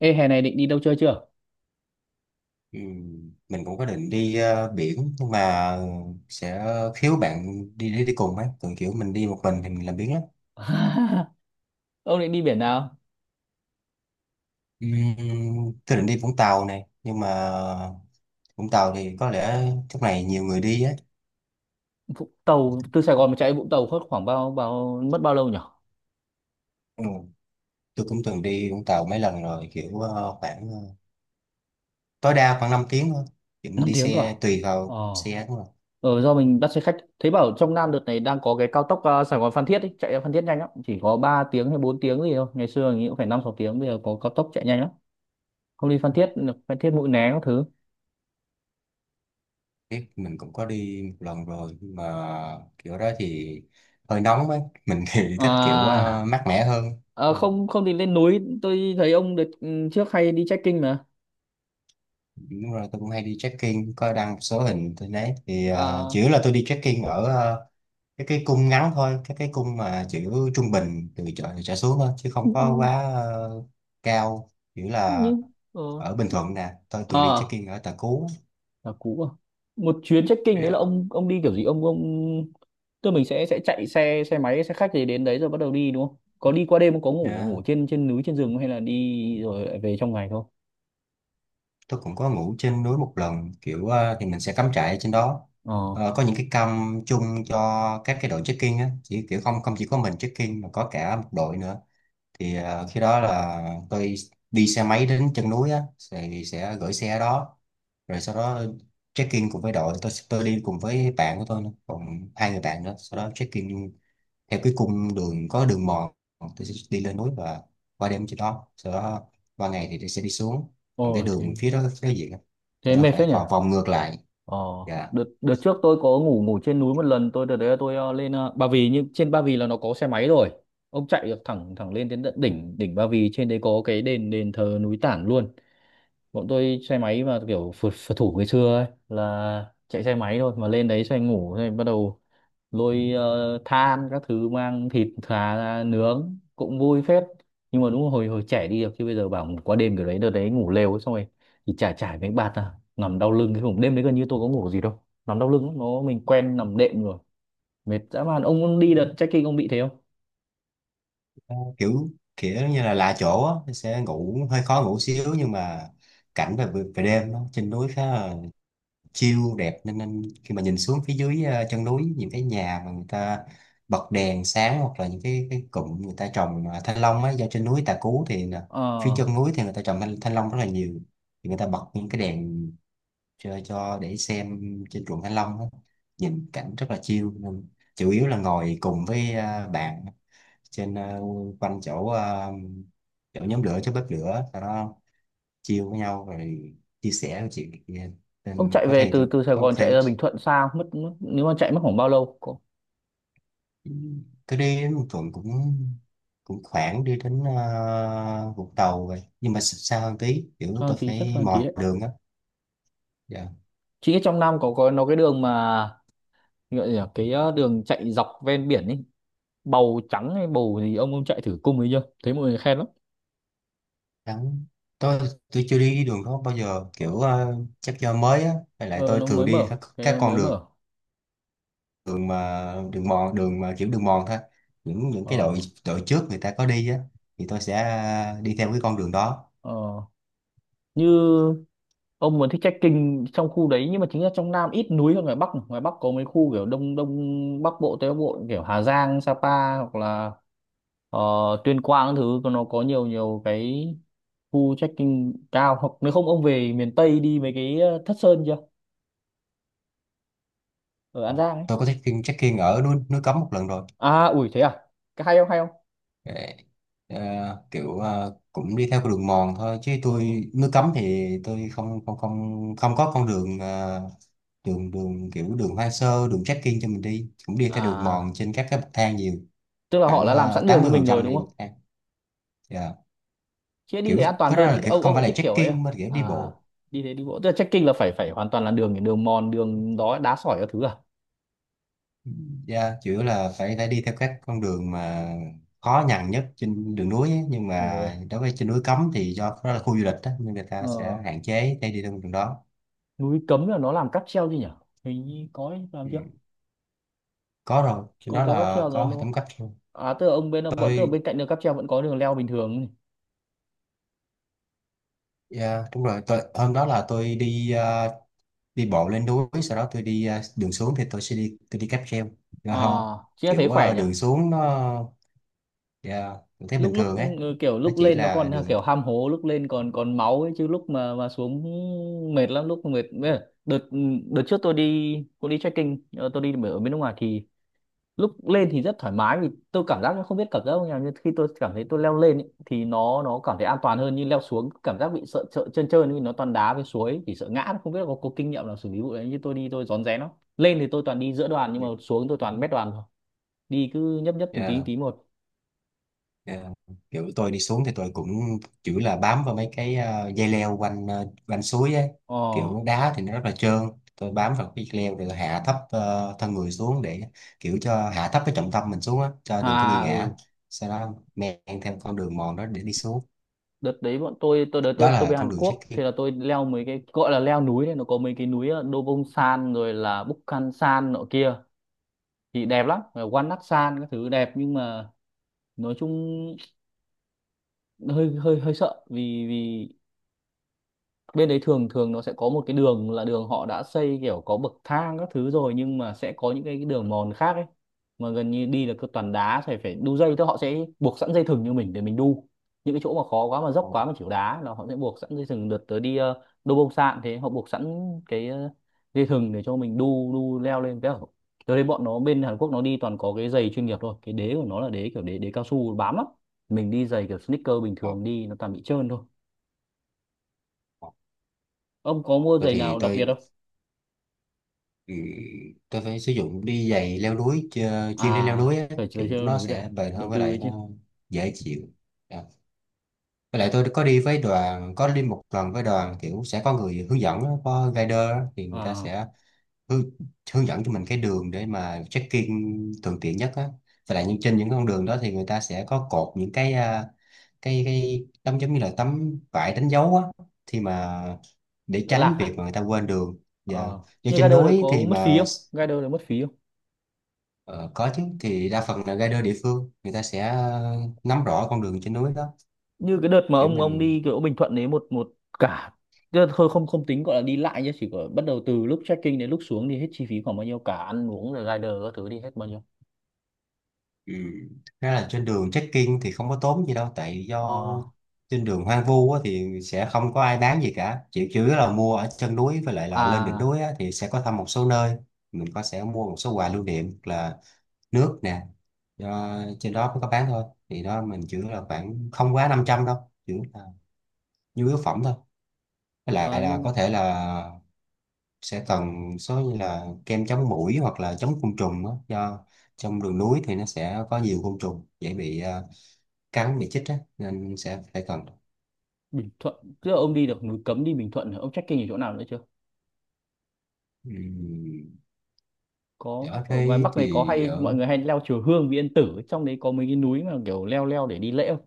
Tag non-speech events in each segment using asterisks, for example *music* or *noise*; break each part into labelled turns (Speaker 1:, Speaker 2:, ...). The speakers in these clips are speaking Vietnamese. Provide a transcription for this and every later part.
Speaker 1: Ê, hè này định đi đâu chơi chưa?
Speaker 2: Ừ, mình cũng có định đi biển, nhưng mà sẽ thiếu bạn đi đi, đi cùng ấy, còn kiểu mình đi một mình thì mình làm biếng lắm.
Speaker 1: *laughs* Ông định đi biển nào?
Speaker 2: Ừm, tôi định đi Vũng Tàu này, nhưng mà Vũng Tàu thì có lẽ lúc này nhiều người đi á.
Speaker 1: Vũng Tàu, từ Sài Gòn mà chạy Vũng Tàu hết khoảng bao bao mất bao lâu nhỉ?
Speaker 2: Ừ. Tôi cũng từng đi Vũng Tàu mấy lần rồi, kiểu khoảng tối đa khoảng 5 tiếng thôi, thì mình
Speaker 1: năm
Speaker 2: đi
Speaker 1: tiếng cơ à?
Speaker 2: xe tùy
Speaker 1: Ờ,
Speaker 2: vào xe đúng không.
Speaker 1: ờ do mình bắt xe khách. Thấy bảo trong Nam đợt này đang có cái cao tốc Sài Gòn Phan Thiết ấy, chạy ra Phan Thiết nhanh lắm, chỉ có 3 tiếng hay 4 tiếng gì thôi. Ngày xưa mình nghĩ cũng phải 5-6 tiếng, bây giờ có cao tốc chạy nhanh lắm. Không đi Phan Thiết, Phan Thiết Mũi Né các thứ.
Speaker 2: Biết mình cũng có đi một lần rồi, nhưng mà kiểu đó thì hơi nóng ấy. Mình thì *laughs*
Speaker 1: À,
Speaker 2: thích kiểu mát mẻ hơn. Ờ,
Speaker 1: không không thì lên núi, tôi thấy ông đợt trước hay đi trekking mà.
Speaker 2: đúng rồi, tôi cũng hay đi trekking, có đăng một số hình tôi thấy thì
Speaker 1: À,
Speaker 2: chủ yếu là tôi đi trekking ở cái cung ngắn thôi, cái cung mà chữ trung bình từ chợ trở xuống thôi, chứ không có quá cao. Chủ yếu là
Speaker 1: nhưng ờ
Speaker 2: ở Bình Thuận nè, tôi từng đi
Speaker 1: Ờ,
Speaker 2: trekking ở Tà Cú.
Speaker 1: là cũ à? Một chuyến trekking đấy là
Speaker 2: Yeah.
Speaker 1: ông đi kiểu gì ông tức mình sẽ chạy xe xe máy xe khách gì đến đấy rồi bắt đầu đi đúng không, có đi qua đêm không, có ngủ ngủ
Speaker 2: Nha.
Speaker 1: trên trên núi trên rừng không? Hay là đi rồi lại về trong ngày thôi?
Speaker 2: Tôi cũng có ngủ trên núi một lần, kiểu thì mình sẽ cắm trại ở trên đó.
Speaker 1: ờ
Speaker 2: Ờ, có những cái cam chung cho các cái đội trekking á, chỉ kiểu không không chỉ có mình trekking mà có cả một đội nữa, thì khi đó là tôi đi xe máy đến chân núi á, thì sẽ gửi xe ở đó rồi sau đó check in cùng với đội. Tôi đi cùng với bạn của tôi nữa, còn hai người bạn nữa. Sau đó check in theo cái cung đường có đường mòn, tôi sẽ đi lên núi và qua đêm trên đó, sau đó qua ngày thì tôi sẽ đi xuống. Còn cái
Speaker 1: Ôi thế
Speaker 2: đường phía đó cái gì á,
Speaker 1: thế
Speaker 2: sau đó
Speaker 1: mệt
Speaker 2: phải
Speaker 1: phết nhỉ.
Speaker 2: vòng vòng ngược lại.
Speaker 1: ờ
Speaker 2: Dạ.
Speaker 1: đợt đợt trước tôi có ngủ ngủ trên núi một lần, tôi đợt đấy là tôi lên Ba Vì, nhưng trên Ba Vì là nó có xe máy rồi, ông chạy được thẳng thẳng lên đến tận đỉnh đỉnh Ba Vì, trên đấy có cái đền đền thờ núi Tản luôn. Bọn tôi xe máy mà kiểu phượt thủ ngày xưa ấy, là chạy xe máy thôi mà lên đấy xoay ngủ, rồi bắt đầu lôi than các thứ, mang thịt thà ra nướng cũng vui phết. Nhưng mà đúng là hồi hồi trẻ đi được chứ bây giờ bảo ngủ qua đêm kiểu đấy, đợt đấy ngủ lều ấy, xong rồi thì trải trải mấy bạt à, nằm đau lưng, cái vùng đêm đấy gần như tôi có ngủ gì đâu, nằm đau lưng lắm, nó mình quen nằm đệm rồi. Mệt dã man. Ông đi đợt trekking ông bị thế không?
Speaker 2: Kiểu kiểu như là lạ chỗ á, tôi sẽ ngủ hơi khó ngủ xíu, nhưng mà cảnh về về đêm á, trên núi khá là chiêu đẹp, nên khi mà nhìn xuống phía dưới chân núi những cái nhà mà người ta bật đèn sáng, hoặc là những cái cụm người ta trồng thanh long á. Do trên núi Tà Cú thì là phía
Speaker 1: ờ
Speaker 2: chân núi thì người ta trồng thanh long rất là nhiều, thì người ta bật những cái đèn cho để xem trên ruộng thanh long á. Nhìn cảnh rất là chill, nên chủ yếu là ngồi cùng với bạn trên quanh chỗ chỗ nhóm lửa, chỗ bếp lửa sau đó chill với nhau, rồi chia sẻ chuyện này kia.
Speaker 1: ông
Speaker 2: Nên
Speaker 1: chạy
Speaker 2: có
Speaker 1: về
Speaker 2: thể
Speaker 1: từ từ Sài
Speaker 2: có
Speaker 1: Gòn chạy
Speaker 2: thể
Speaker 1: ra Bình Thuận sao mất, nếu mà chạy mất khoảng bao lâu? Có
Speaker 2: tôi đi đến Bình Thuận cũng cũng khoảng đi đến Vũng Tàu vậy, nhưng mà xa xa hơn tí, kiểu
Speaker 1: sao
Speaker 2: tôi
Speaker 1: tí chắc
Speaker 2: phải
Speaker 1: sao tí
Speaker 2: mò
Speaker 1: đấy.
Speaker 2: đường á. Dạ.
Speaker 1: Chị biết trong Nam có nó cái đường mà gọi là gì nhỉ? Cái đường chạy dọc ven biển ấy, bầu trắng hay bầu gì, ông chạy thử cung ấy chưa, thấy mọi người khen lắm.
Speaker 2: Đắng. Tôi tôi chưa đi đường đó bao giờ,
Speaker 1: ờ,
Speaker 2: kiểu chắc do mới á, với lại
Speaker 1: ờ,
Speaker 2: tôi
Speaker 1: nó
Speaker 2: thường
Speaker 1: mới
Speaker 2: đi
Speaker 1: mở,
Speaker 2: các
Speaker 1: cái
Speaker 2: con
Speaker 1: mới
Speaker 2: đường,
Speaker 1: mở.
Speaker 2: đường mà đường mòn, đường mà kiểu đường mòn thôi. Những cái đội
Speaker 1: ờ,
Speaker 2: đội trước người ta có đi á, thì tôi sẽ đi theo cái con đường đó.
Speaker 1: ờ. Như ông muốn thích trekking trong khu đấy, nhưng mà chính là trong Nam ít núi hơn ngoài Bắc, ngoài Bắc có mấy khu kiểu đông đông Bắc Bộ, Tây Bắc Bộ kiểu Hà Giang, Sapa, hoặc là ờ, Tuyên Quang các thứ, còn nó có nhiều nhiều cái khu trekking cao. Hoặc nếu không ông về miền Tây đi mấy cái Thất Sơn chưa, ở An Giang ấy.
Speaker 2: Tôi có trekking trekking ở núi núi Cấm một lần rồi.
Speaker 1: À ủi thế à, cái hay không, hay không?
Speaker 2: Để, ờ, kiểu cũng đi theo con đường mòn thôi, chứ
Speaker 1: Ờ.
Speaker 2: tôi nước cấm thì tôi không không không không có con đường đường đường kiểu đường hoang sơ, đường trekking cho mình đi, cũng đi theo đường mòn
Speaker 1: À
Speaker 2: trên các cái bậc thang nhiều.
Speaker 1: tức là họ
Speaker 2: Khoảng
Speaker 1: đã làm sẵn đường
Speaker 2: tám
Speaker 1: như
Speaker 2: mươi phần
Speaker 1: mình rồi
Speaker 2: trăm
Speaker 1: đúng
Speaker 2: đi bậc
Speaker 1: không?
Speaker 2: thang. Dạ.
Speaker 1: Chứ đi thế
Speaker 2: Kiểu
Speaker 1: an toàn
Speaker 2: cái đó
Speaker 1: hơn
Speaker 2: là
Speaker 1: chứ,
Speaker 2: kiểu
Speaker 1: ông
Speaker 2: không phải
Speaker 1: cũng
Speaker 2: là
Speaker 1: thích kiểu ấy à?
Speaker 2: trekking mà kiểu
Speaker 1: À
Speaker 2: đi bộ.
Speaker 1: đi thế đi bộ, tức là trekking là phải phải hoàn toàn là đường, đường mòn đường đó đá sỏi các thứ à?
Speaker 2: Yeah, chủ yếu là phải phải đi theo các con đường mà khó nhằn nhất trên đường núi ấy. Nhưng
Speaker 1: Đúng
Speaker 2: mà
Speaker 1: rồi.
Speaker 2: đối với trên núi cấm thì do đó là khu du lịch đó, nên người ta
Speaker 1: Ờ.
Speaker 2: sẽ hạn chế để đi theo con đường đó.
Speaker 1: Núi Cấm là nó làm cáp treo chứ nhỉ, hình như có ấy, làm
Speaker 2: Ừ.
Speaker 1: chưa?
Speaker 2: Có rồi, trên
Speaker 1: có
Speaker 2: đó
Speaker 1: có cáp
Speaker 2: là
Speaker 1: treo rồi
Speaker 2: có hệ
Speaker 1: đúng
Speaker 2: thống
Speaker 1: không?
Speaker 2: cách luôn.
Speaker 1: À tức là ông bên bọn, tức là
Speaker 2: tôi
Speaker 1: bên cạnh đường cáp treo vẫn có đường leo bình thường?
Speaker 2: yeah, đúng rồi. Tôi, hôm đó là tôi đi đi bộ lên núi, sau đó tôi đi đường xuống thì tôi đi cáp treo.
Speaker 1: À
Speaker 2: Đó.
Speaker 1: chứ thế
Speaker 2: Kiểu
Speaker 1: khỏe nhỉ.
Speaker 2: đường xuống nó yeah, mình thấy
Speaker 1: Lúc
Speaker 2: bình
Speaker 1: lúc
Speaker 2: thường ấy.
Speaker 1: kiểu
Speaker 2: Nó
Speaker 1: lúc
Speaker 2: chỉ
Speaker 1: lên nó
Speaker 2: là
Speaker 1: còn à,
Speaker 2: đường.
Speaker 1: kiểu ham hố lúc lên còn còn máu ấy, chứ lúc mà xuống mệt lắm, lúc mệt bây giờ, đợt đợt trước tôi đi, tôi đi trekking tôi đi ở bên nước ngoài thì lúc lên thì rất thoải mái vì tôi cảm giác nó không biết cảm giác như nào, nhưng khi tôi cảm thấy tôi leo lên ấy, thì nó cảm thấy an toàn hơn, nhưng leo xuống cảm giác bị sợ sợ trơn trơn vì nó toàn đá với suối, chỉ sợ ngã, không biết là có kinh nghiệm nào xử lý vụ đấy như, tôi đi tôi rón rén lắm. Lên thì tôi toàn đi giữa đoàn nhưng mà xuống tôi toàn mét đoàn thôi, đi cứ nhấp nhấp từng
Speaker 2: Yeah.
Speaker 1: tí một.
Speaker 2: Ờ, kiểu tôi đi xuống thì tôi cũng chủ là bám vào mấy cái dây leo quanh suối ấy.
Speaker 1: Ồ,
Speaker 2: Kiểu đá thì nó rất là trơn, tôi bám vào cái leo rồi tôi hạ thấp thân người xuống để kiểu cho hạ thấp cái trọng tâm mình xuống á, cho đừng có bị
Speaker 1: à
Speaker 2: ngã.
Speaker 1: ừ.
Speaker 2: Sau đó men theo con đường mòn đó để đi xuống.
Speaker 1: Đợt đấy bọn tôi đợt
Speaker 2: Đó
Speaker 1: tôi
Speaker 2: là
Speaker 1: về
Speaker 2: con
Speaker 1: Hàn
Speaker 2: đường
Speaker 1: Quốc
Speaker 2: trekking.
Speaker 1: thì là tôi leo mấy cái gọi là leo núi đấy, nó có mấy cái núi Dobongsan rồi là Bukhansan nọ kia, thì đẹp lắm. Rồi Wannacsan các thứ đẹp, nhưng mà nói chung hơi hơi hơi sợ vì vì bên đấy thường thường nó sẽ có một cái đường là đường họ đã xây kiểu có bậc thang các thứ rồi, nhưng mà sẽ có những cái đường mòn khác ấy, mà gần như đi là cứ toàn đá, phải phải đu dây, tức họ sẽ buộc sẵn dây thừng như mình để mình đu. Những cái chỗ mà khó quá mà dốc
Speaker 2: Ồ,
Speaker 1: quá mà chịu đá là họ sẽ buộc sẵn dây thừng. Đợt tới đi đô bông sạn thế, họ buộc sẵn cái dây thừng để cho mình đu đu leo lên cái. Tớ thấy bọn nó bên Hàn Quốc nó đi toàn có cái giày chuyên nghiệp thôi, cái đế của nó là đế kiểu đế đế cao su bám lắm, mình đi giày kiểu sneaker bình
Speaker 2: ồ,
Speaker 1: thường đi nó toàn bị trơn thôi.
Speaker 2: ồ.
Speaker 1: Ông có mua
Speaker 2: Tôi
Speaker 1: giày
Speaker 2: thì
Speaker 1: nào đặc biệt
Speaker 2: tôi
Speaker 1: không?
Speaker 2: ừ, Tôi phải sử dụng đi giày leo núi chuyên đi leo
Speaker 1: À
Speaker 2: núi á,
Speaker 1: phải chơi
Speaker 2: kiểu
Speaker 1: chơi leo
Speaker 2: nó
Speaker 1: núi được,
Speaker 2: sẽ bền
Speaker 1: đầu
Speaker 2: hơn, với
Speaker 1: tư ấy
Speaker 2: lại
Speaker 1: chứ.
Speaker 2: nó dễ chịu. Ờ, với lại tôi có đi với đoàn, có đi một lần với đoàn, kiểu sẽ có người hướng dẫn, á, có guider á, thì người ta
Speaker 1: À
Speaker 2: sẽ hướng, hướng dẫn cho mình cái đường để mà check-in thuận tiện nhất á. Và lại trên những con đường đó thì người ta sẽ có cột những cái cái tấm giống như là tấm vải đánh dấu á, thì mà để
Speaker 1: đỡ lạc
Speaker 2: tránh
Speaker 1: à.
Speaker 2: việc mà người ta quên đường. Và
Speaker 1: Ờ,
Speaker 2: do
Speaker 1: như
Speaker 2: trên
Speaker 1: Gather đấy
Speaker 2: núi
Speaker 1: có
Speaker 2: thì
Speaker 1: mất phí
Speaker 2: mà
Speaker 1: không, Gather đấy mất phí không?
Speaker 2: ờ, có chứ, thì đa phần là guider địa phương người ta sẽ nắm rõ con đường trên núi đó.
Speaker 1: Như cái đợt mà
Speaker 2: Kiểu
Speaker 1: ông
Speaker 2: mình.
Speaker 1: đi kiểu Bình Thuận đấy một một cả, tức là thôi không không tính gọi là đi lại nhé, chỉ có bắt đầu từ lúc check-in đến lúc xuống thì hết chi phí khoảng bao nhiêu, cả ăn uống rồi rider các thứ đi hết bao nhiêu?
Speaker 2: Ừ. Thực ra là trên đường trekking thì không có tốn gì đâu, tại do
Speaker 1: ờ
Speaker 2: trên đường hoang vu á, thì sẽ không có ai bán gì cả, chỉ chủ yếu là mua ở chân núi, với lại là lên đỉnh
Speaker 1: à
Speaker 2: núi á, thì sẽ có thăm một số nơi. Mình có sẽ mua một số quà lưu niệm là nước nè, do trên đó mới có bán thôi, thì đó mình chỉ là khoảng không quá 500 đâu. Chỉ là nhu yếu phẩm thôi. Với lại
Speaker 1: ờ,
Speaker 2: là
Speaker 1: nhưng
Speaker 2: có thể là sẽ cần số như là kem chống muỗi hoặc là chống côn trùng á, do trong đường núi thì nó sẽ có nhiều côn trùng dễ bị cá bị chích á, nên sẽ phải cần.
Speaker 1: Bình Thuận, tức là ông đi được núi Cấm, đi Bình Thuận rồi, ông check-in ở chỗ nào nữa chưa?
Speaker 2: Ừm,
Speaker 1: Có
Speaker 2: Ở
Speaker 1: ở ngoài
Speaker 2: đây
Speaker 1: Bắc này có
Speaker 2: thì
Speaker 1: hay mọi người hay leo chùa Hương Vị Yên Tử ấy, trong đấy có mấy cái núi mà kiểu leo leo để đi lễ không?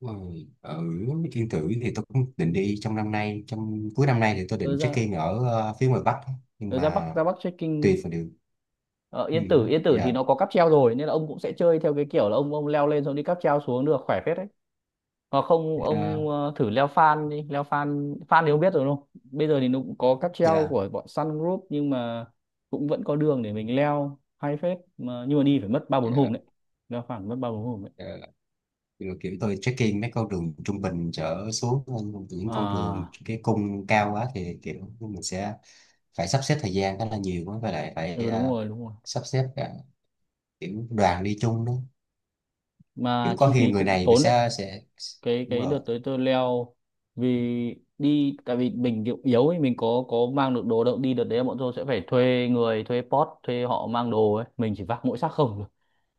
Speaker 2: ờ, ở Yên Tử thì tôi cũng định đi trong năm nay, trong cuối năm nay thì tôi
Speaker 1: Ừ,
Speaker 2: định check
Speaker 1: ra.
Speaker 2: in ở phía ngoài Bắc, nhưng
Speaker 1: Rồi ra Bắc,
Speaker 2: mà
Speaker 1: ra Bắc trekking
Speaker 2: tùy vào điều.
Speaker 1: ở Yên Tử, Yên Tử thì
Speaker 2: Dạ,
Speaker 1: nó có cáp treo rồi nên là ông cũng sẽ chơi theo cái kiểu là ông leo lên xong đi cáp treo xuống được, khỏe phết đấy. Hoặc không ông
Speaker 2: dạ,
Speaker 1: thử leo Phan đi, leo Phan Phan thì ông biết rồi đúng không, bây giờ thì nó cũng có cáp treo
Speaker 2: dạ,
Speaker 1: của bọn Sun Group nhưng mà cũng vẫn có đường để mình leo hay phết mà, nhưng mà đi phải mất 3-4 hôm
Speaker 2: dạ,
Speaker 1: đấy, leo Phan mất 3-4 hôm đấy.
Speaker 2: dạ. Rồi kiểu tôi check in mấy con đường trung bình trở xuống hơn, những con đường
Speaker 1: À
Speaker 2: cái cung cao quá thì kiểu mình sẽ phải sắp xếp thời gian khá là nhiều quá, và lại phải
Speaker 1: ừ, đúng rồi, đúng rồi,
Speaker 2: sắp xếp cả kiểu đoàn đi chung đó, chứ
Speaker 1: mà
Speaker 2: có
Speaker 1: chi
Speaker 2: khi
Speaker 1: phí
Speaker 2: người
Speaker 1: cũng
Speaker 2: này người
Speaker 1: tốn đấy.
Speaker 2: sẽ
Speaker 1: cái
Speaker 2: đúng
Speaker 1: cái đợt
Speaker 2: rồi
Speaker 1: tới tôi leo, vì đi tại vì mình kiểu yếu ấy, mình có mang được đồ đâu, đi đợt đấy bọn tôi sẽ phải thuê người, thuê pot, thuê họ mang đồ ấy, mình chỉ vác mỗi xác không thôi.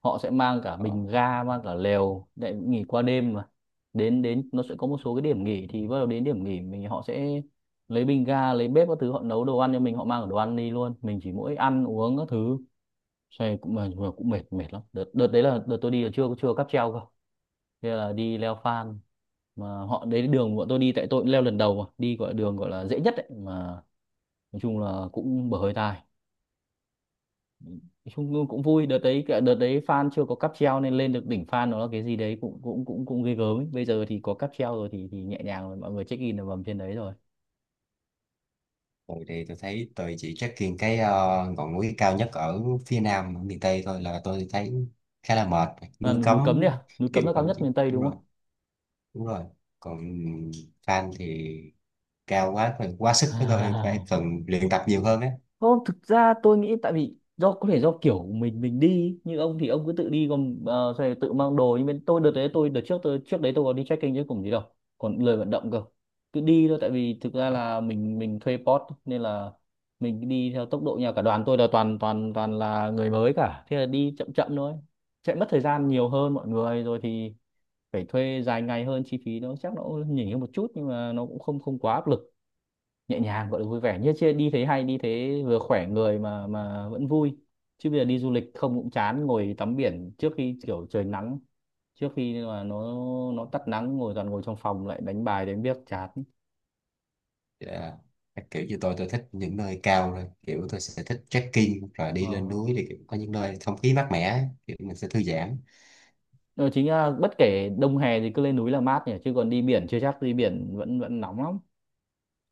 Speaker 1: Họ sẽ mang cả
Speaker 2: ờ.
Speaker 1: bình ga, mang cả lều để nghỉ qua đêm mà, đến đến nó sẽ có một số cái điểm nghỉ thì bắt đầu đến điểm nghỉ mình, họ sẽ lấy bình ga lấy bếp các thứ, họ nấu đồ ăn cho mình, họ mang cả đồ ăn đi luôn, mình chỉ mỗi ăn uống các thứ. Xe cũng mà cũng mệt mệt lắm. Đợt đợt đấy là đợt tôi đi là chưa chưa cáp treo cơ, thế là đi leo Phan mà họ đấy đường bọn tôi đi tại tôi cũng leo lần đầu mà đi gọi là đường gọi là dễ nhất ấy mà nói chung là cũng bở hơi tai, nói chung cũng vui. Đợt đấy Phan chưa có cáp treo nên lên được đỉnh Phan nó là cái gì đấy cũng cũng cũng cũng ghê gớm ấy. Bây giờ thì có cáp treo rồi thì nhẹ nhàng rồi, mọi người check in ở vầm trên đấy rồi.
Speaker 2: Rồi thì tôi thấy tôi chỉ trekking cái ngọn núi cao nhất ở phía nam ở miền Tây thôi, là tôi thấy khá là mệt,
Speaker 1: À,
Speaker 2: núi
Speaker 1: núi Cấm đi
Speaker 2: cấm
Speaker 1: à, núi
Speaker 2: kiểu
Speaker 1: Cấm là cao
Speaker 2: vậy
Speaker 1: nhất
Speaker 2: chứ.
Speaker 1: miền Tây
Speaker 2: Đúng
Speaker 1: đúng
Speaker 2: rồi, đúng rồi. Còn fan thì cao quá, phải quá sức với tôi, phải
Speaker 1: không? *laughs*
Speaker 2: cần luyện tập nhiều hơn á.
Speaker 1: Không, thực ra tôi nghĩ tại vì do có thể do kiểu của mình đi như ông thì ông cứ tự đi còn rồi tự mang đồ, nhưng bên tôi đợt đấy tôi đợt trước tôi trước đấy tôi có đi trekking chứ cùng gì đâu, còn lười vận động cơ, cứ đi thôi tại vì thực ra là mình thuê pot nên là mình cứ đi theo tốc độ nhà cả đoàn, tôi là toàn toàn toàn là người mới cả, thế là đi chậm chậm thôi, sẽ mất thời gian nhiều hơn mọi người, rồi thì phải thuê dài ngày hơn, chi phí nó chắc nó cũng nhỉnh hơn một chút, nhưng mà nó cũng không không quá áp lực, nhẹ nhàng gọi là vui vẻ, như chia đi thế hay, đi thế vừa khỏe người mà vẫn vui. Chứ bây giờ đi du lịch không cũng chán, ngồi tắm biển trước khi kiểu trời nắng, trước khi mà nó tắt nắng ngồi toàn ngồi trong phòng lại đánh bài đánh biếc chán.
Speaker 2: Dạ. Các kiểu như tôi thích những nơi cao rồi, kiểu tôi sẽ thích trekking rồi đi lên
Speaker 1: Ờ.
Speaker 2: núi thì kiểu có những nơi không khí mát mẻ, kiểu mình sẽ thư giãn.
Speaker 1: Ờ, chính ra bất kể đông hè thì cứ lên núi là mát nhỉ, chứ còn đi biển chưa chắc, đi biển vẫn vẫn nóng lắm.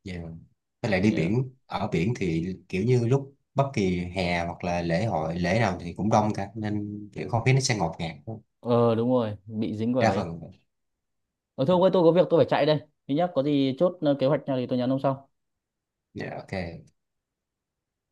Speaker 2: Dạ. Với lại đi
Speaker 1: Yeah.
Speaker 2: biển, ở biển thì kiểu như lúc bất kỳ hè hoặc là lễ hội lễ nào thì cũng đông cả, nên kiểu không khí nó sẽ ngột ngạt hơn.
Speaker 1: Ờ đúng rồi, bị dính vào
Speaker 2: Đa
Speaker 1: đấy.
Speaker 2: phần.
Speaker 1: Ờ Thôi ông ơi, tôi có việc tôi phải chạy đây, thứ nhất có gì chốt kế hoạch nào thì tôi nhắn ông sau.
Speaker 2: Dạ, ok.